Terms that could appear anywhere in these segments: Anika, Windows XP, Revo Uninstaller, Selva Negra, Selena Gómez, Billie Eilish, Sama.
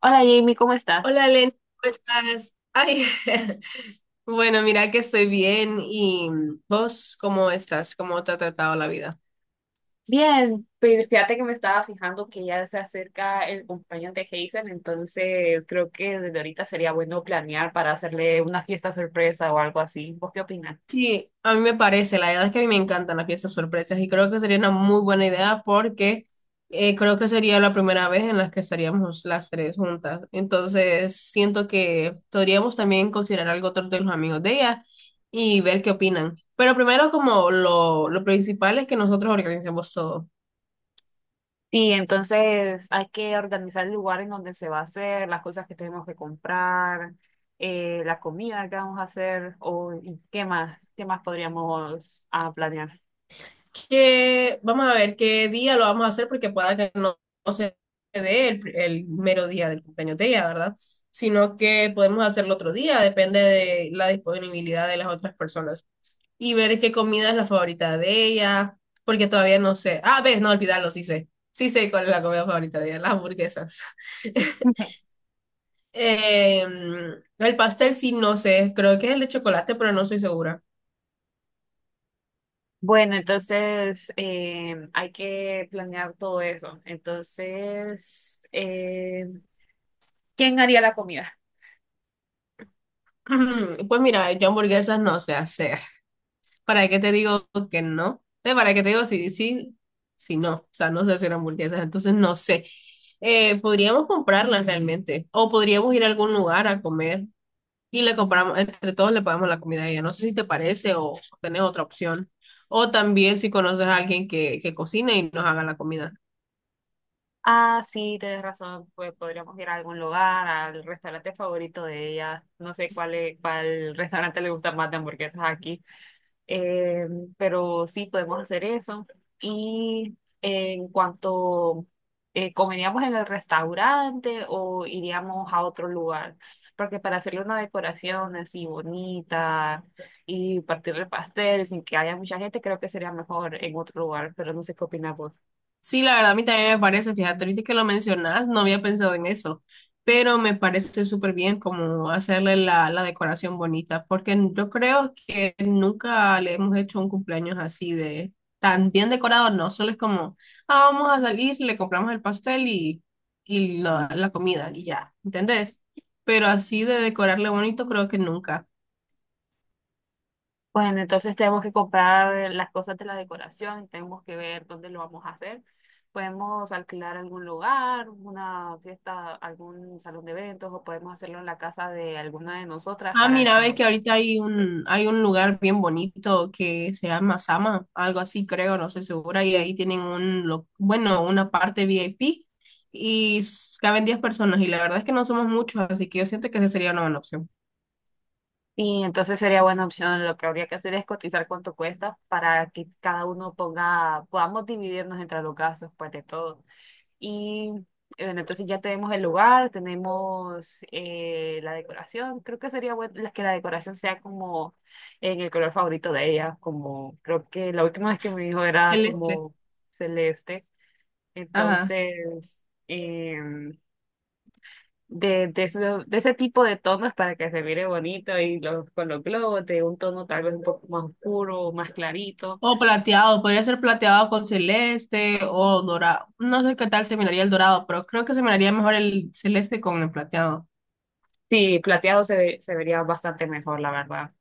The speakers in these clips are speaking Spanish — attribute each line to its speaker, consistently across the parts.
Speaker 1: Hola Jamie, ¿cómo estás?
Speaker 2: Hola, Len, ¿cómo estás? Ay, bueno, mira que estoy bien y vos, ¿cómo estás? ¿Cómo te ha tratado la vida?
Speaker 1: Bien, pues fíjate que me estaba fijando que ya se acerca el cumpleaños de Hazel, entonces creo que desde ahorita sería bueno planear para hacerle una fiesta sorpresa o algo así. ¿Vos qué opinas?
Speaker 2: Sí, a mí me parece, la verdad es que a mí me encantan las fiestas sorpresas y creo que sería una muy buena idea porque creo que sería la primera vez en la que estaríamos las tres juntas. Entonces, siento que podríamos también considerar algo otro de los amigos de ella y ver qué opinan. Pero primero, como lo principal es que nosotros organicemos todo.
Speaker 1: Sí, entonces hay que organizar el lugar en donde se va a hacer, las cosas que tenemos que comprar, la comida que vamos a hacer o y qué más podríamos planear.
Speaker 2: Que vamos a ver qué día lo vamos a hacer porque pueda que no se dé el mero día del cumpleaños de ella, ¿verdad? Sino que podemos hacerlo otro día, depende de la disponibilidad de las otras personas. Y ver qué comida es la favorita de ella, porque todavía no sé. Ah, ves, no olvidarlo, sí sé. Sí sé cuál es la comida favorita de ella, las hamburguesas. El pastel sí, no sé, creo que es el de chocolate, pero no estoy segura.
Speaker 1: Bueno, entonces hay que planear todo eso. Entonces, ¿quién haría la comida?
Speaker 2: Pues mira, yo hamburguesas no sé hacer. ¿Para qué te digo que no? ¿Para qué te digo si sí, si no? O sea, no sé hacer hamburguesas, entonces no sé. Podríamos comprarlas realmente, o podríamos ir a algún lugar a comer y le compramos, entre todos le pagamos la comida a ella. No sé si te parece o tenés otra opción. O también si conoces a alguien que cocine y nos haga la comida.
Speaker 1: Ah, sí, tienes razón. Pues podríamos ir a algún lugar, al restaurante favorito de ella. No sé cuál restaurante le gusta más de hamburguesas aquí. Eh, pero sí, podemos hacer eso. Y en cuanto comeríamos en el restaurante o iríamos a otro lugar, porque para hacerle una decoración así bonita y partir el pastel sin que haya mucha gente, creo que sería mejor en otro lugar, pero no sé qué opinas vos.
Speaker 2: Sí, la verdad, a mí también me parece, fíjate, ahorita que lo mencionas, no había pensado en eso, pero me parece súper bien como hacerle la decoración bonita, porque yo creo que nunca le hemos hecho un cumpleaños así de tan bien decorado, no, solo es como, ah, vamos a salir, le compramos el pastel y la comida y ya, ¿entendés? Pero así de decorarle bonito, creo que nunca.
Speaker 1: Bueno, entonces tenemos que comprar las cosas de la decoración, tenemos que ver dónde lo vamos a hacer. Podemos alquilar algún lugar, una fiesta, algún salón de eventos o podemos hacerlo en la casa de alguna de nosotras
Speaker 2: Ah,
Speaker 1: para
Speaker 2: mira, ve
Speaker 1: que...
Speaker 2: que ahorita hay un lugar bien bonito que se llama Sama, algo así creo, no estoy segura, y ahí tienen un, lo- bueno, una parte VIP y s- caben 10 personas y la verdad es que no somos muchos, así que yo siento que esa sería una buena opción.
Speaker 1: Y entonces sería buena opción. Lo que habría que hacer es cotizar cuánto cuesta para que cada uno ponga, podamos dividirnos entre los gastos, pues de todo. Y bueno, entonces ya tenemos el lugar, tenemos la decoración. Creo que sería bueno que la decoración sea como en el color favorito de ella, como creo que la última vez que me dijo era
Speaker 2: Celeste,
Speaker 1: como celeste.
Speaker 2: ajá.
Speaker 1: Entonces, em, ese, de ese tipo de tonos para que se mire bonito y los, con los globos, de un tono tal vez un poco más oscuro, más clarito.
Speaker 2: O plateado, podría ser plateado con celeste o dorado. No sé qué tal se miraría el dorado, pero creo que se miraría mejor el celeste con el plateado.
Speaker 1: Sí, se vería bastante mejor, la verdad.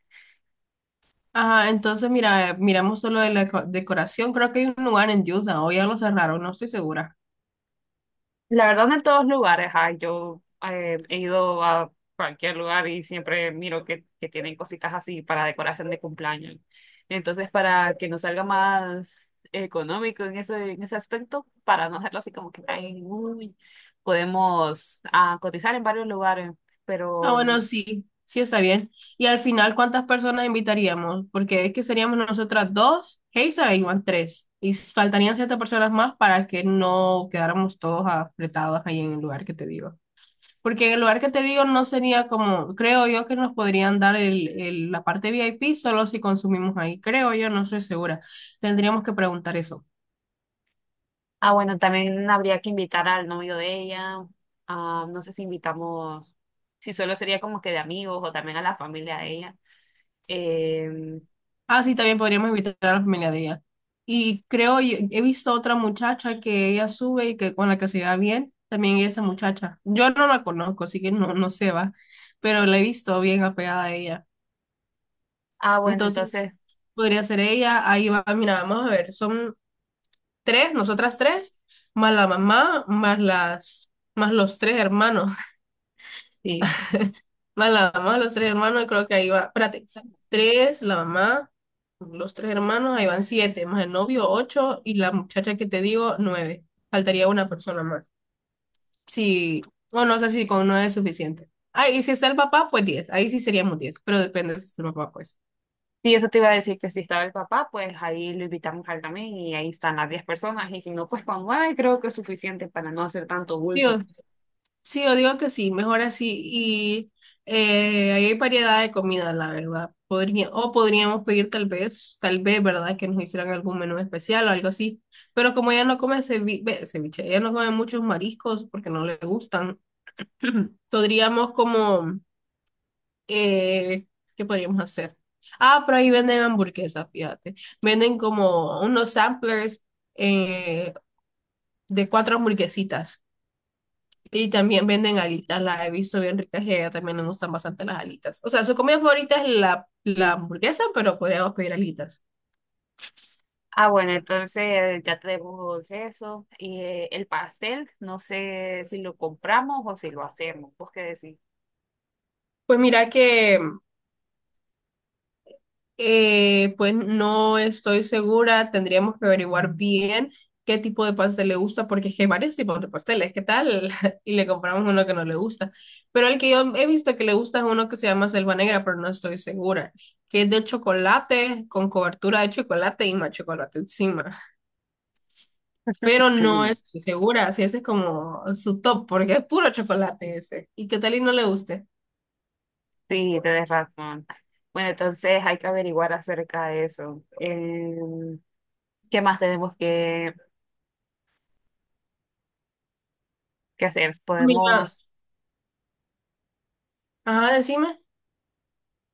Speaker 2: Ajá, entonces mira, miramos solo de la co- decoración. Creo que hay un lugar en Utah, o ya lo cerraron, no estoy segura.
Speaker 1: La verdad, no en todos lugares, ah, yo he ido a cualquier lugar y siempre miro que tienen cositas así para decoración de cumpleaños. Entonces, para que nos salga más económico en ese aspecto, para no hacerlo así como que, ay, uy, podemos cotizar en varios lugares,
Speaker 2: Ah,
Speaker 1: pero,
Speaker 2: bueno, sí, sí está bien. Y al final, ¿cuántas personas invitaríamos? Porque es que seríamos nosotras dos, Hazel y Iván tres. Y s- faltarían siete personas más para que no quedáramos todos apretados ahí en el lugar que te digo. Porque en el lugar que te digo no sería como, creo yo que nos podrían dar el- la parte VIP solo si consumimos ahí. Creo yo, no estoy segura. Tendríamos que preguntar eso.
Speaker 1: ah, bueno, también habría que invitar al novio de ella, ah, no sé si invitamos, si solo sería como que de amigos o también a la familia de ella. Em,
Speaker 2: Ah, sí, también podríamos invitar a la familia de ella. Y creo, y- he visto otra muchacha que ella sube y que con la que se va bien, también esa muchacha. Yo no la conozco, así que no, no se va, pero la he visto bien apegada a ella.
Speaker 1: ah, bueno,
Speaker 2: Entonces,
Speaker 1: entonces
Speaker 2: podría ser ella, ahí va, mira, vamos a ver, son tres, nosotras tres, más la mamá, más las, más los tres hermanos.
Speaker 1: sí.
Speaker 2: Van la mamá, los tres hermanos, y creo que ahí va, espérate, tres, la mamá, los tres hermanos, ahí van siete, más el novio, ocho, y la muchacha que te digo, nueve. Faltaría una persona más. Sí, bueno, no sé si con nueve es suficiente. Ah, y si está el papá, pues diez. Ahí sí seríamos diez, pero depende si está el papá, pues.
Speaker 1: Sí, eso te iba a decir que si estaba el papá, pues ahí lo invitamos al también y ahí están las 10 personas y si no, pues con 9 creo que es suficiente para no hacer tanto
Speaker 2: Digo,
Speaker 1: bulto.
Speaker 2: sí, yo digo que sí, mejor así. Y ahí hay variedad de comida, la verdad. Podría, o podríamos pedir tal vez, ¿verdad? Que nos hicieran algún menú especial o algo así. Pero como ella no come cevi- ve, ceviche, ella no come muchos mariscos porque no le gustan, podríamos como, eh, ¿qué podríamos hacer? Ah, pero ahí venden hamburguesas, fíjate. Venden como unos samplers eh, de cuatro hamburguesitas. Y también venden alitas, las he visto bien ricas y allá también nos gustan bastante las alitas. O sea, su comida favorita es la hamburguesa, pero podríamos pedir alitas.
Speaker 1: Ah, bueno, entonces ya tenemos eso y el pastel, no sé si lo compramos o si lo hacemos, ¿vos qué decís?
Speaker 2: Pues mira que, pues no estoy segura, tendríamos que averiguar bien qué tipo de pastel le gusta, porque es que hay varios tipos de pasteles, ¿qué tal? Y le compramos uno que no le gusta. Pero el que yo he visto que le gusta es uno que se llama Selva Negra, pero no estoy segura, que es de chocolate, con cobertura de chocolate y más chocolate encima. Pero no estoy segura si ese es como su top, porque es puro chocolate ese. ¿Y qué tal y no le guste?
Speaker 1: Sí, tenés razón. Bueno, entonces hay que averiguar acerca de eso. Em, ¿qué más tenemos que hacer?
Speaker 2: Mira,
Speaker 1: Podemos...
Speaker 2: ajá, decime.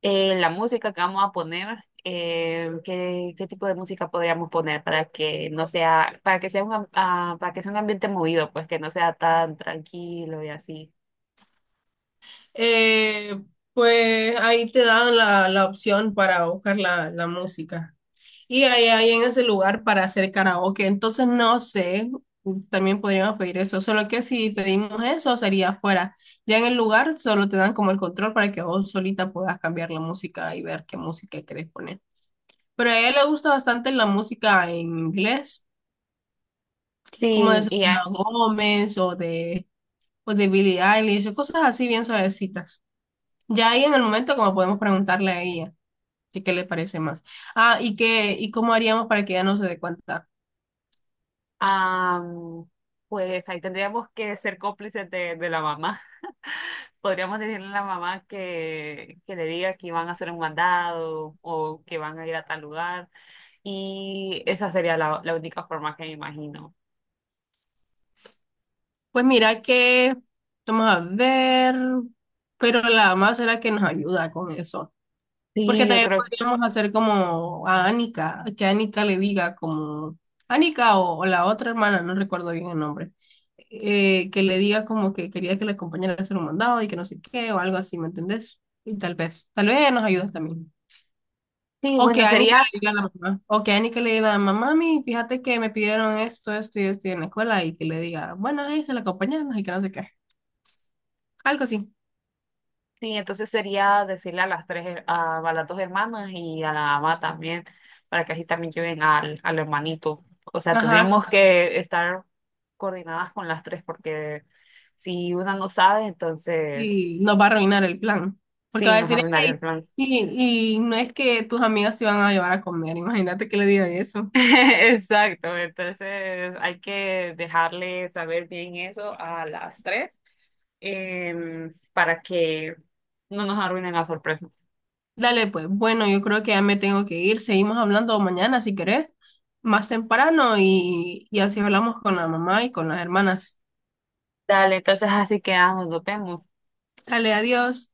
Speaker 1: la música que vamos a poner, ¿qué, qué tipo de música podríamos poner para que no sea, para que sea un, para que sea un ambiente movido, pues que no sea tan tranquilo y así.
Speaker 2: Eh, pues ahí te dan la opción para buscar la música. Y ahí hay en ese lugar para hacer karaoke. Entonces no sé, también podríamos pedir eso. Solo que si pedimos eso sería afuera. Ya en el lugar solo te dan como el control para que vos solita puedas cambiar la música y ver qué música querés poner. Pero a ella le gusta bastante la música en inglés, como de
Speaker 1: Sí, y
Speaker 2: Selena
Speaker 1: ya,
Speaker 2: Gómez o de Billie Eilish, o cosas así bien suavecitas. Ya ahí en el momento, como podemos preguntarle a ella que qué le parece más. Ah, y qué, y cómo haríamos para que ella no se dé cuenta.
Speaker 1: am, pues ahí tendríamos que ser cómplices de la mamá. Podríamos decirle a la mamá que le diga que van a hacer un mandado o que van a ir a tal lugar. Y esa sería la única forma que me imagino.
Speaker 2: Pues mira que, vamos a ver, pero la mamá será que nos ayuda con eso. Porque
Speaker 1: Sí, yo
Speaker 2: también
Speaker 1: creo que
Speaker 2: podríamos hacer como a Anika, que Anika le diga como, Anika o la otra hermana, no recuerdo bien el nombre, que le diga como que quería que la acompañara a hacer un mandado y que no sé qué o algo así, ¿me entendés? Y tal vez ella nos ayudas también.
Speaker 1: sí,
Speaker 2: O que
Speaker 1: bueno,
Speaker 2: Anika le
Speaker 1: sería.
Speaker 2: diga a la mamá, o que Anika le diga a la mamá, mami, fíjate que me pidieron esto, esto y esto en la escuela y que le diga, bueno, ahí se la acompañamos y que no sé qué. Algo así.
Speaker 1: Sí, entonces sería decirle a las tres, a las dos hermanas y a la mamá también, para que así también lleven al hermanito. O sea,
Speaker 2: Ajá, sí.
Speaker 1: tendríamos que estar coordinadas con las tres, porque si una no sabe, entonces
Speaker 2: Y nos va a arruinar el plan. Porque
Speaker 1: sí,
Speaker 2: va a
Speaker 1: nos
Speaker 2: decir,
Speaker 1: arruinaría el
Speaker 2: "Ey,
Speaker 1: plan.
Speaker 2: y no es que tus amigas se van a llevar a comer", imagínate que le diga eso.
Speaker 1: Exacto, entonces hay que dejarle saber bien eso a las tres, para que no nos arruinen la sorpresa.
Speaker 2: Dale, pues, bueno, yo creo que ya me tengo que ir. Seguimos hablando mañana, si querés, más temprano, y así hablamos con la mamá y con las hermanas.
Speaker 1: Dale, entonces así quedamos, nos vemos.
Speaker 2: Dale, adiós.